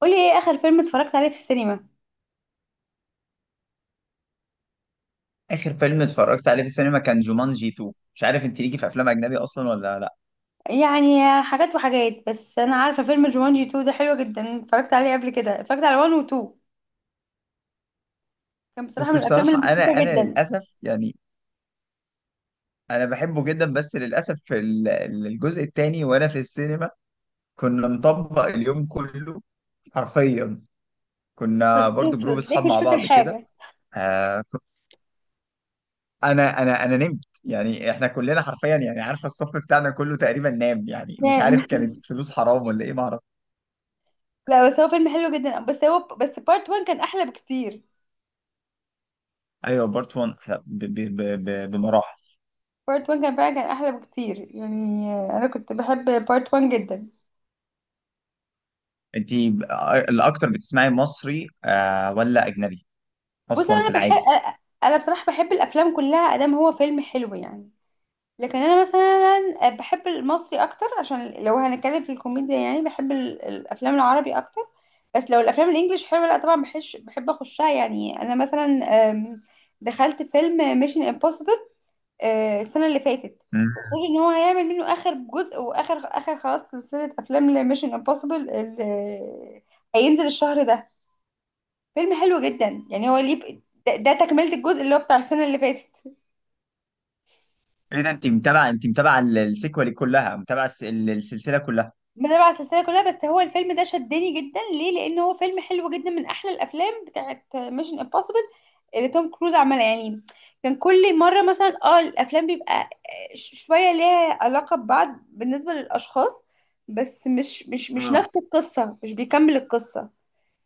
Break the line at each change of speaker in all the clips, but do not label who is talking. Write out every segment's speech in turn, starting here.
قولي ايه اخر فيلم اتفرجت عليه في السينما.
اخر فيلم اتفرجت عليه في السينما كان جومانجي 2. مش عارف انت ليكي في افلام اجنبي اصلا ولا لا؟
يعني حاجات وحاجات، بس انا عارفه فيلم جومانجي 2 ده حلو جدا، اتفرجت عليه قبل كده، اتفرجت على 1 و 2. كان بصراحه
بس
من الافلام
بصراحه
اللي مضحكه
انا
جدا.
للاسف يعني انا بحبه جدا، بس للاسف الجزء الثاني وانا في السينما كنا مطبق اليوم كله حرفيا. كنا برضو جروب اصحاب
تلاقيك مش
مع
فاكر
بعض كده.
حاجه.
آه، انا نمت، يعني احنا كلنا حرفيا، يعني عارفه الصف بتاعنا كله تقريبا نام. يعني مش عارف
نعم.
كانت فلوس حرام ولا ايه، ما اعرف.
لا، بس هو فيلم حلو جدا، بس بارت 1 كان احلى بكتير.
ايوه، بارت 1 بمراحل.
بارت 1 كان فعلا احلى بكتير يعني. انا كنت بحب بارت 1 جدا.
انت الاكتر بتسمعي مصري آه ولا اجنبي
بص،
اصلا في العادي؟
انا بصراحه بحب الافلام كلها، ادام هو فيلم حلو يعني. لكن انا مثلا بحب المصري اكتر، عشان لو هنتكلم في الكوميديا يعني بحب الافلام العربي اكتر. بس لو الافلام الانجليش حلوه لا طبعا بحب اخشها يعني، انا مثلا. أم، دخلت فيلم ميشن امبوسيبل السنه اللي فاتت.
مم.
وخد ان هو هيعمل منه اخر جزء واخر خلاص سلسله افلام لميشن امبوسيبل، هينزل الشهر ده. فيلم حلو جدا يعني، هو ليه؟ ده تكمله الجزء اللي هو بتاع السنه اللي فاتت.
ايه ده، انت متابعه السيكوال كلها، متابعه السلسله كلها؟
بتابع السلسله كلها، بس هو الفيلم ده شدني جدا ليه؟ لان هو فيلم حلو جدا، من احلى الافلام بتاعت ميشن امبوسيبل اللي توم كروز عملها يعني. كان كل مره مثلا الافلام بيبقى شويه ليها علاقه ببعض بالنسبه للاشخاص. بس مش
اه،
نفس القصه، مش بيكمل القصه.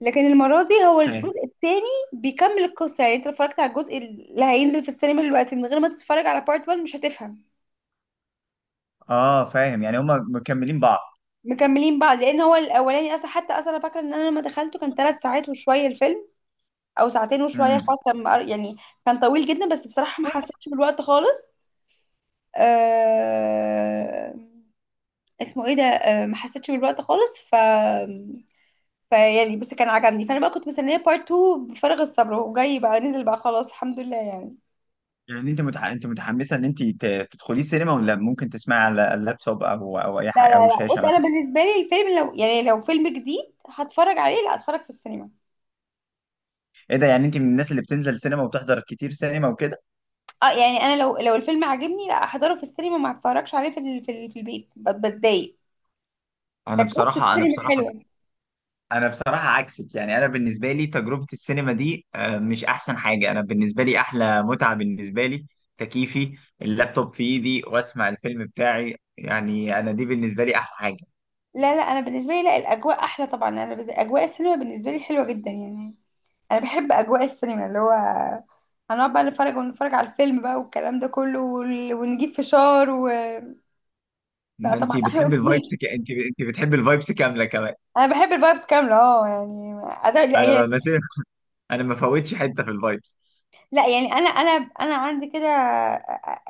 لكن المره دي هو
فاهم.
الجزء الثاني بيكمل القصه، يعني انت لو اتفرجت على الجزء اللي هينزل في السينما دلوقتي من غير ما تتفرج على بارت 1 مش هتفهم.
اه فاهم، يعني هما مكملين بعض.
مكملين بعض، لان هو الاولاني اصلا، حتى اصلا انا فاكره ان انا لما دخلته كان ثلاث ساعات وشويه الفيلم، او ساعتين وشويه،
مم.
خلاص كان يعني، كان طويل جدا، بس بصراحه ما
طيب.
حسيتش بالوقت خالص. آه... اسمه ايه ده؟ ما حسيتش بالوقت خالص، فيعني، بس كان عجبني، فانا بقى كنت مستنيه بارت 2 بفارغ الصبر، وجاي بقى نزل بقى، خلاص الحمد لله يعني.
يعني انت متحمسه ان انت تدخلي سينما، ولا ممكن تسمعي على اللابتوب او اي
لا
حاجه،
لا
او
لا،
شاشه
بص، انا
مثلا؟
بالنسبه لي الفيلم لو فيلم جديد هتفرج عليه، لا اتفرج في السينما.
ايه ده، يعني انت من الناس اللي بتنزل سينما وتحضر كتير سينما وكده؟
اه يعني، انا لو الفيلم عجبني لا احضره في السينما، ما اتفرجش عليه في في البيت، بتضايق.
انا
تجربة
بصراحه انا
السينما
بصراحه
حلوة.
انا بصراحه عكسك. يعني انا بالنسبه لي تجربه السينما دي آه، مش احسن حاجه. انا بالنسبه لي احلى متعه بالنسبه لي تكييفي، اللابتوب في ايدي، واسمع الفيلم بتاعي. يعني انا دي بالنسبه لي احلى حاجه.
لا لا، انا بالنسبة لي، لا الاجواء احلى طبعا، انا اجواء السينما بالنسبة لي حلوة جدا يعني. انا بحب اجواء السينما، اللي هو هنقعد بقى نتفرج ونتفرج على الفيلم بقى، والكلام ده كله، ونجيب فشار و... لا طبعا،
انت
احلى
بتحبي الفايبس
بكتير.
انت بتحبي الفايبس كامله كمان؟
انا بحب الفايبس كاملة، اه يعني.
انا مثلا انا ما فوتش حته في الفايبس.
لا يعني انا انا عندي كده،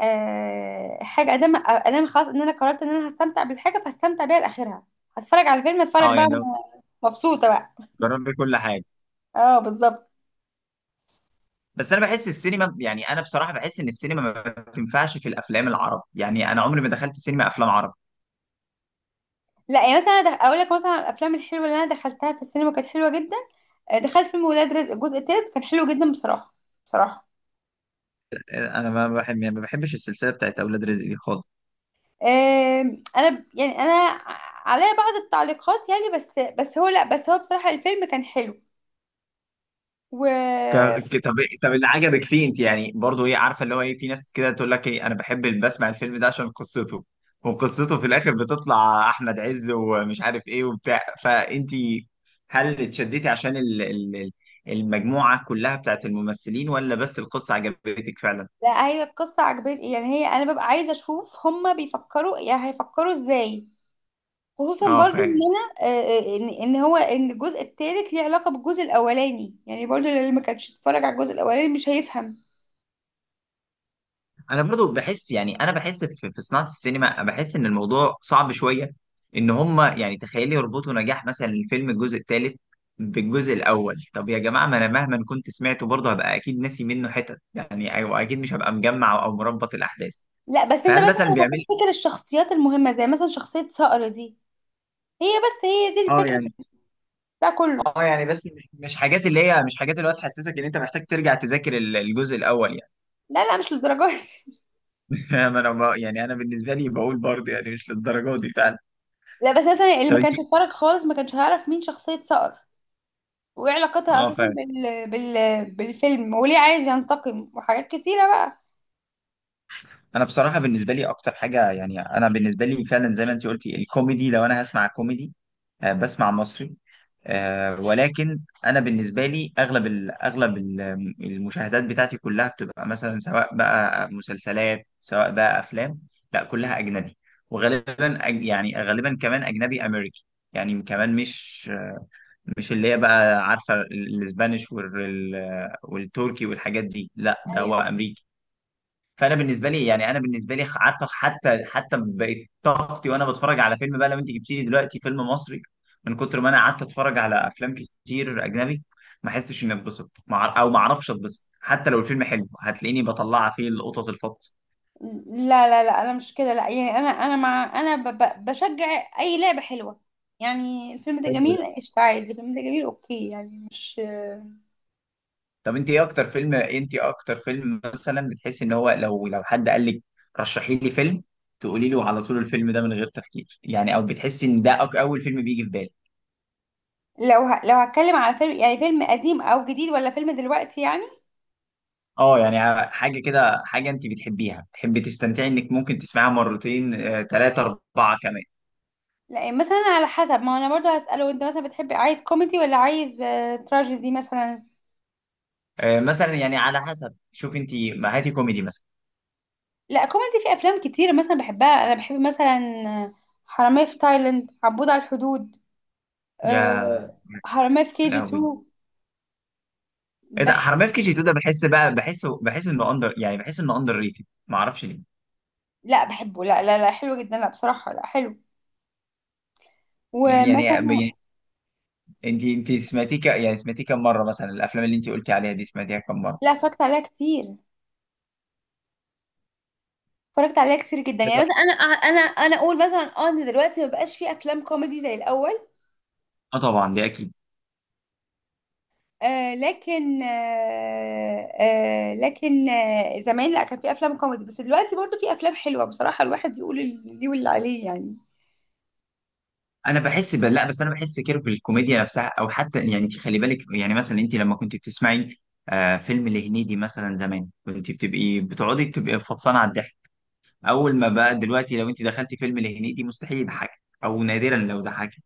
حاجه ادام خلاص ان انا قررت ان انا هستمتع بالحاجه فهستمتع بيها لاخرها. هتفرج على فيلم اتفرج
اه
بقى،
يعني،
مبسوطه بقى.
جربي كل حاجه.
اه بالظبط.
بس انا بحس السينما، يعني انا بصراحه بحس ان السينما ما تنفعش في الافلام العربي. يعني انا عمري ما دخلت سينما افلام عربي.
لا يعني مثلا، أنا اقول لك مثلا على الافلام الحلوه اللي انا دخلتها في السينما كانت حلوه جدا. دخلت فيلم ولاد رزق الجزء التالت، كان حلو جدا بصراحه. بصراحه.
انا ما بحب، يعني ما بحبش السلسله بتاعت اولاد رزق دي خالص.
انا يعني انا عليا بعض التعليقات يعني، بس هو لا، بس هو بصراحه الفيلم كان حلو. و
طب إيه، طب اللي عجبك فيه انت يعني؟ برضو ايه، عارفه اللي هو ايه، في ناس كده تقول لك ايه، انا بحب بسمع الفيلم ده عشان قصته، وقصته في الاخر بتطلع احمد عز ومش عارف ايه وبتاع، فانت هل اتشدتي عشان المجموعه كلها بتاعت الممثلين، ولا بس القصه عجبتك فعلا؟
لا، هي القصة عجباني، يعني هي أنا ببقى عايزة أشوف هما بيفكروا يعني هيفكروا إزاي. خصوصا
اه،
برضو إن
فاهم.
أنا إن الجزء التالت ليه علاقة بالجزء الأولاني، يعني برضو اللي ما كانش اتفرج على الجزء الأولاني مش هيفهم.
انا برضو بحس، يعني انا بحس في صناعه السينما بحس ان الموضوع صعب شويه، ان هم يعني تخيل يربطوا نجاح مثلا الفيلم الجزء الثالث بالجزء الاول. طب يا جماعه، ما انا مهما كنت سمعته برضه هبقى اكيد ناسي منه حتت، يعني او اكيد مش هبقى مجمع او مربط الاحداث.
لا بس أنت
فهل
مثلا
مثلا بيعمل؟
هتفتكر الشخصيات المهمة، زي مثلا شخصية صقر دي، هي بس هي دي
اه
الفكرة
يعني،
في بتاع كله.
بس مش حاجات اللي هي مش حاجات اللي هو تحسسك ان انت محتاج ترجع تذاكر الجزء الاول يعني.
لا لا، مش للدرجة دي.
ما انا يعني انا بالنسبه لي بقول برضه يعني مش للدرجه دي فعلا.
لا بس مثلا اللي
طب
ما
انت.
كانش اتفرج خالص ما كانش هيعرف مين شخصية صقر، وايه علاقتها
اه
اساسا
فعلا.
بالفيلم، وليه عايز ينتقم وحاجات كتيرة بقى.
انا بصراحه بالنسبه لي اكتر حاجه، يعني انا بالنسبه لي فعلا زي ما انت قلتي الكوميدي. لو انا هسمع كوميدي آه، بسمع مصري. آه، ولكن انا بالنسبه لي اغلب ال، المشاهدات بتاعتي كلها بتبقى مثلا سواء بقى مسلسلات سواء بقى افلام، لا، كلها اجنبي. وغالبا يعني غالبا كمان اجنبي امريكي. يعني كمان مش اللي هي بقى عارفه الاسبانيش وال- والتركي والحاجات دي، لا، ده هو
ايوه.
امريكي. فانا بالنسبه لي، يعني انا بالنسبه لي عارفه، حتى بقت طاقتي وانا بتفرج على فيلم بقى، لو انت جبتي لي دلوقتي فيلم مصري، من كتر ما انا قعدت اتفرج على افلام كتير اجنبي، ما احسش اني اتبسط او ما اعرفش اتبسط. حتى لو الفيلم حلو، هتلاقيني بطلع فيه القطط الفطس.
لا لا لا، انا مش كده، لا يعني انا مع، انا بشجع اي لعبه حلوه. يعني الفيلم ده
حلو ده.
جميل قشطة عادي، الفيلم ده جميل، اوكي يعني، مش.
طب انت ايه اكتر فيلم مثلا بتحسي ان هو، لو حد قال لك رشحي لي فيلم، تقولي له على طول الفيلم ده من غير تفكير، يعني او بتحسي ان ده اول فيلم بيجي في بالك؟
لو هتكلم على فيلم يعني، فيلم قديم او جديد، ولا فيلم دلوقتي يعني؟
اه يعني، حاجة كده، حاجة انت بتحبيها، بتحبي تستمتعي انك ممكن تسمعها مرتين، آه، تلاتة اربعة كمان.
لا يعني مثلا على حسب، ما هو انا برضو هسأله، انت مثلا بتحب عايز كوميدي ولا عايز تراجيدي مثلا؟
آه، مثلا يعني على حسب، شوف انت، ما هاتي كوميدي مثلا.
لا كوميدي، في افلام كتير مثلا بحبها، انا بحب مثلا. آه، حرامية في تايلاند، عبود على الحدود.
يا
آه، حرامية في كي جي
لهوي!
2.
ايه ده، حرامية في كي جي 2 ده بحس بقى، بحس انه اندر، يعني بحس انه اندر ريتد، ما اعرفش ليه.
لا بحبه، لا لا لا حلو جدا، لا بصراحة لا حلو.
يعني
ومثلا.
انت سمعتيه يعني سمعتيه كم مرة مثلا؟ الافلام اللي انت قلتي عليها دي سمعتيها كم مرة؟
لا، اتفرجت عليها كتير. اتفرجت عليها كتير جدا، يعني
كذا.
مثلا انا انا اقول مثلا ان دلوقتي ما بقاش في افلام كوميدي زي الاول.
اه طبعا، دي اكيد.
آه لكن آه آه لكن آه زمان لا، كان في افلام كوميدي، بس دلوقتي برضو في افلام حلوة، بصراحة الواحد يقول اللي ليه واللي عليه يعني.
انا بحس لا، بس انا بحس كده بالكوميديا نفسها او حتى، يعني انت خلي بالك، يعني مثلا انت لما كنت بتسمعي آه فيلم لهنيدي مثلا زمان، كنت بتبقي فطسانه على الضحك. اول ما بقى دلوقتي لو انت دخلتي فيلم لهنيدي مستحيل يضحكك، او نادرا لو ضحكك.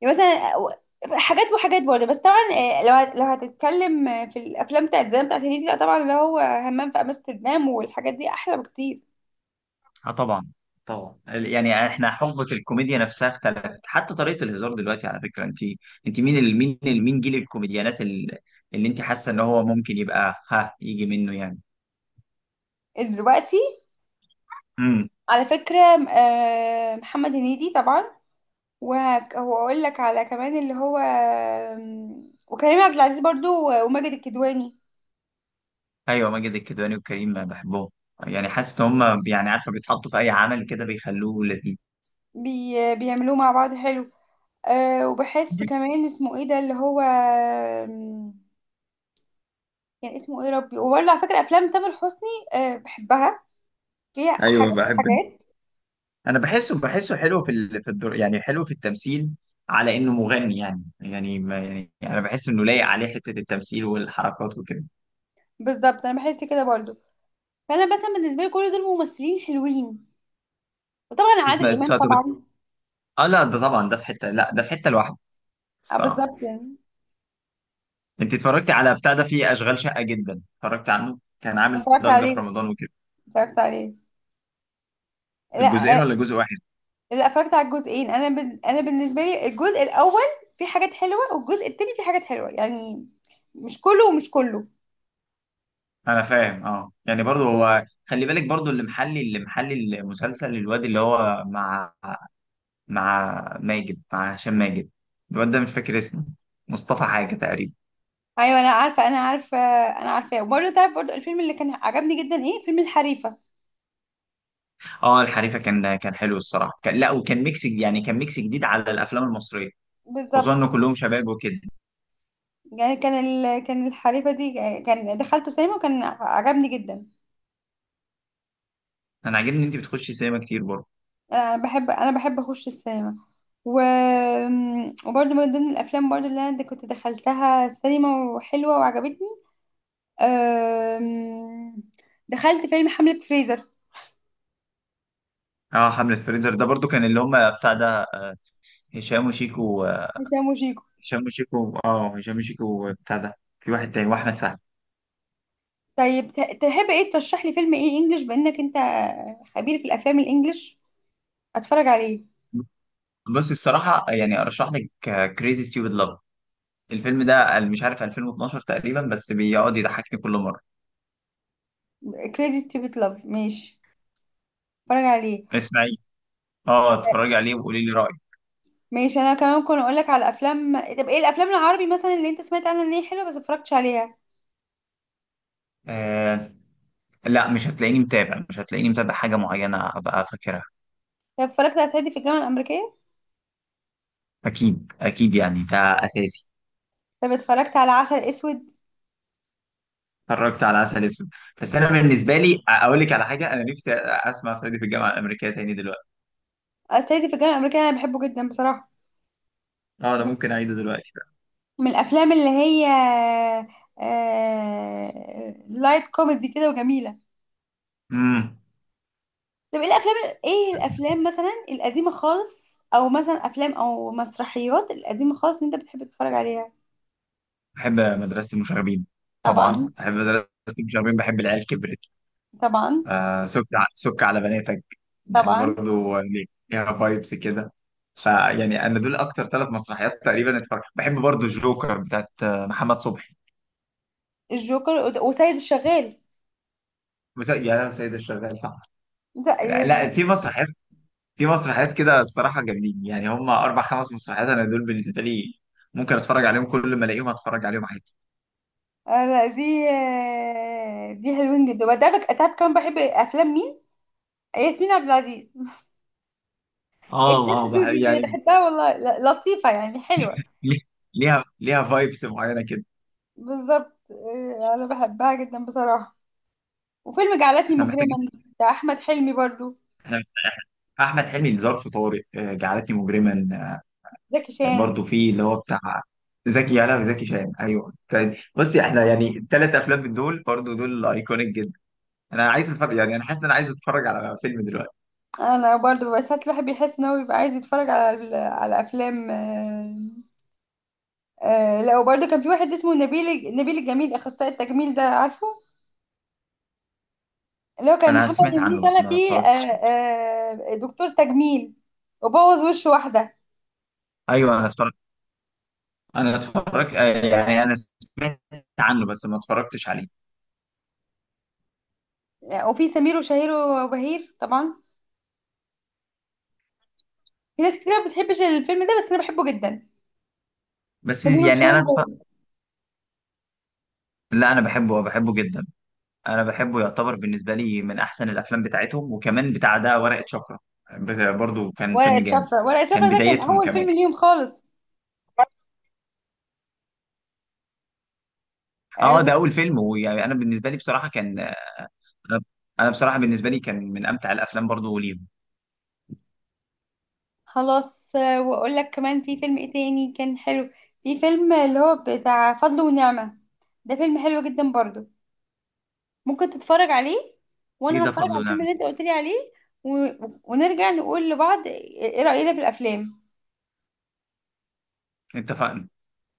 يعني مثلا حاجات وحاجات برضه، بس طبعا لو هتتكلم في الافلام بتاعت زمان بتاعت هنيدي، لا طبعا اللي هو همام في امستردام والحاجات دي احلى بكتير.
اه طبعا. طبعا، يعني احنا حقبه الكوميديا نفسها اختلفت، حتى طريقه الهزار دلوقتي. على فكره انت، مين جيل الكوميديانات اللي انت حاسه ان هو ممكن يبقى، ها، يجي منه يعني؟
إيه دلوقتي؟
إمم.
على فكرة، محمد هنيدي طبعا، وهقول لك على كمان اللي هو وكريم عبد العزيز برضو، وماجد الكدواني.
ايوه، ماجد الكدواني وكريم، أنا بحبهم. يعني حاسس ان هم، يعني عارفه، بيتحطوا في اي عمل كده بيخلوه لذيذ.
بيعملوه مع بعض حلو. وبحس كمان اسمه ايه ده اللي هو، كان اسمه ايه ربي، وبرضه على فكرة افلام تامر حسني. بحبها، فيها
ايوه
حاجات
بحب.
وحاجات.
انا بحسه حلو في الدور، يعني حلو في التمثيل، على انه مغني. يعني ما يعني انا بحس انه لايق عليه حته التمثيل والحركات وكده.
بالظبط، انا بحس كده برضو. فانا مثلا بالنسبة لي كل دول ممثلين حلوين. وطبعا عادل
اسمه
امام
طب-
طبعا.
اه لا، ده طبعا ده في حته، لا ده في حته لوحده
اه
الصراحه.
بالظبط يعني.
انت اتفرجتي على بتاع ده، فيه اشغال شقه جدا، اتفرجت عنه كان عامل
اتفرجت
ضجه في
عليه،
رمضان وكده؟
اتفرجت عليه، لا.
الجزئين ولا جزء واحد؟
لا، اتفرجت على الجزئين، انا انا بالنسبه لي الجزء الاول فيه حاجات حلوه، والجزء التاني فيه حاجات حلوه يعني، مش كله، ومش كله.
انا فاهم. اه يعني، برضو هو خلي بالك، برضو اللي محلي، المسلسل، الواد اللي هو مع، مع ماجد مع هشام ماجد، الواد ده مش فاكر اسمه، مصطفى حاجة تقريبا.
ايوه انا عارفه، انا عارفه، انا عارفاه. وبرده تعرف، برده الفيلم اللي كان عجبني جدا ايه، فيلم الحريفه.
اه، الحريفة كان حلو الصراحة، كان، لا، وكان ميكس، يعني كان ميكس جديد على الافلام المصرية، خصوصا
بالظبط،
ان كلهم شباب وكده.
يعني كان الحريفه دي كان دخلته سينما وكان عجبني جدا.
انا عاجبني ان انت بتخشي سينما كتير برضو.
انا بحب اخش السينما. و... وبرده من ضمن الافلام برده اللي انا كنت دخلتها السينما وحلوه وعجبتني. أم... دخلت فيلم حملة فريزر.
اه، حملة فريزر ده برضو كان اللي هم بتاع ده، هشام وشيكو.
هشام وشيكو.
هشام وشيكو، اه، هشام وشيكو بتاع ده، في واحد تاني واحمد فهمي.
طيب تحب ايه ترشح لي فيلم ايه انجلش؟ بانك انت خبير في الافلام الانجليش، اتفرج عليه.
بصي الصراحة، يعني أرشح لك كريزي ستيوبد لاف. الفيلم ده مش عارف 2012 تقريبا، بس بيقعد يضحكني كل مرة.
كريزي ستيبت لاف، ماشي، اتفرج عليه.
اسمعي، اه اتفرجي عليه وقولي لي رأيك.
ماشي، انا كمان كنت اقول لك على افلام، طب ايه الافلام العربي مثلا اللي انت سمعت عنها ان هي حلوه بس اتفرجتش عليها؟
آه لا، مش هتلاقيني متابع حاجة معينة أبقى فاكرها.
طب اتفرجت على صعيدي في الجامعه الامريكيه؟
أكيد أكيد، يعني ده أساسي.
طب اتفرجت على عسل اسود؟
اتفرجت على عسل أسود. بس أنا بالنسبة لي أقول لك على حاجة: أنا نفسي أسمع صعيدي في الجامعة الأمريكية تاني دلوقتي.
صعيدي في الجامعه الامريكيه انا بحبه جدا بصراحه،
اه، أنا ممكن أعيده دلوقتي.
من الافلام اللي هي لايت كوميدي كده، وجميله.
امم.
طب ايه الافلام؟ ايه الافلام مثلا القديمه خالص، او مثلا افلام او مسرحيات القديمه خالص اللي انت بتحب تتفرج عليها؟
بحب مدرسة المشاغبين.
طبعا.
طبعا، بحب مدرسة المشاغبين، بحب العيال كبرت،
طبعا.
آه سك على بناتك، يعني
طبعا.
برضو ليها فايبس كده. فيعني انا دول اكتر 3 مسرحيات تقريبا اتفرجت. بحب برضو الجوكر بتاعت آه، محمد صبحي.
الجوكر وسيد الشغال
يا لهوي، سيد الشغال، صح؟
ده.
لا لا، في مسرحيات كده الصراحه جامدين. يعني هم 4 5 مسرحيات، انا دول بالنسبه لي ممكن اتفرج عليهم كل ما الاقيهم اتفرج عليهم عادي.
لا، دي حلوين جدا. وده تعرف كمان بحب افلام مين؟ ياسمين عبد العزيز،
اه،
الدنيا
اه،
دودي وكده
يعني،
بحبها والله، لطيفه يعني، حلوه.
ليه- ليها فايبس معينه كده.
بالظبط، انا بحبها جدا بصراحه. وفيلم جعلتني
احنا
مجرما
محتاجين،
بتاع احمد حلمي برضو.
احنا، احمد حلمي، ظرف طارق، آه، جعلتني مجرما.
زكي شان.
برضه في اللي هو بتاع زكي يانا وزكي شان. ايوه كان، بصي، احنا يعني الثلاث افلام من دول برضه، دول ايكونيك جدا. انا عايز اتفرج، يعني انا حاسس ان انا عايز اتفرج على فيلم دلوقتي.
انا برضو، بس ساعات الواحد بيحس ان هو بيبقى عايز يتفرج على على افلام. لا، وبرضو كان في واحد اسمه نبيل الجميل اخصائي التجميل ده، عارفه؟ اللي هو كان
انا
محمد
سمعت
هنيدي
عنه بس
طالع
ما
فيه
اتفرجتش.
دكتور تجميل، وبوظ وش واحده.
ايوه، انا اتفرجت، آه، يعني انا سمعت عنه بس ما اتفرجتش عليه.
وفي سمير وشهير وبهير طبعا، في ناس كتير ما بتحبش الفيلم ده بس انا بحبه جدا.
بس
سمير
يعني
وشهير وبهير.
لا، انا بحبه بحبه جدا. انا بحبه، يعتبر بالنسبه لي من احسن الافلام بتاعتهم. وكمان بتاع ده ورقه شفره، برضه كان فيلم
ورقة
جامد.
شفرة، ورقة
كان
شفرة ده كان
بدايتهم
أول
كمان.
فيلم ليهم خالص. آه،
اه، ده اول فيلم. ويعني انا بالنسبه لي بصراحه كان، انا أنا بصراحه بالنسبه لي كان من امتع الافلام برضو ليهم.
خلاص، وأقول لك كمان في فيلم إيه تاني كان حلو، في فيلم اللي هو بتاع فضل ونعمة، ده فيلم حلو جدا برضو، ممكن تتفرج عليه.
ايه
وأنا
ده،
هتفرج
فضل
على
ونعم.
الفيلم اللي أنت قلت لي عليه، و... ونرجع نقول لبعض إيه رأينا في الأفلام.
اتفقنا.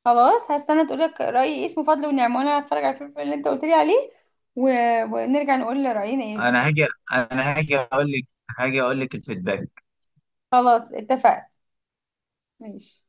خلاص هستنى تقول لك رأيي إيه، اسمه فضل ونعمة، وأنا هتفرج على الفيلم اللي أنت قلت لي عليه، و... ونرجع نقول رأينا إيه
انا
بالظبط.
هاجي انا هاجي اقول لك هاجي اقول لك الفيدباك.
خلاص اتفقنا. ماشي.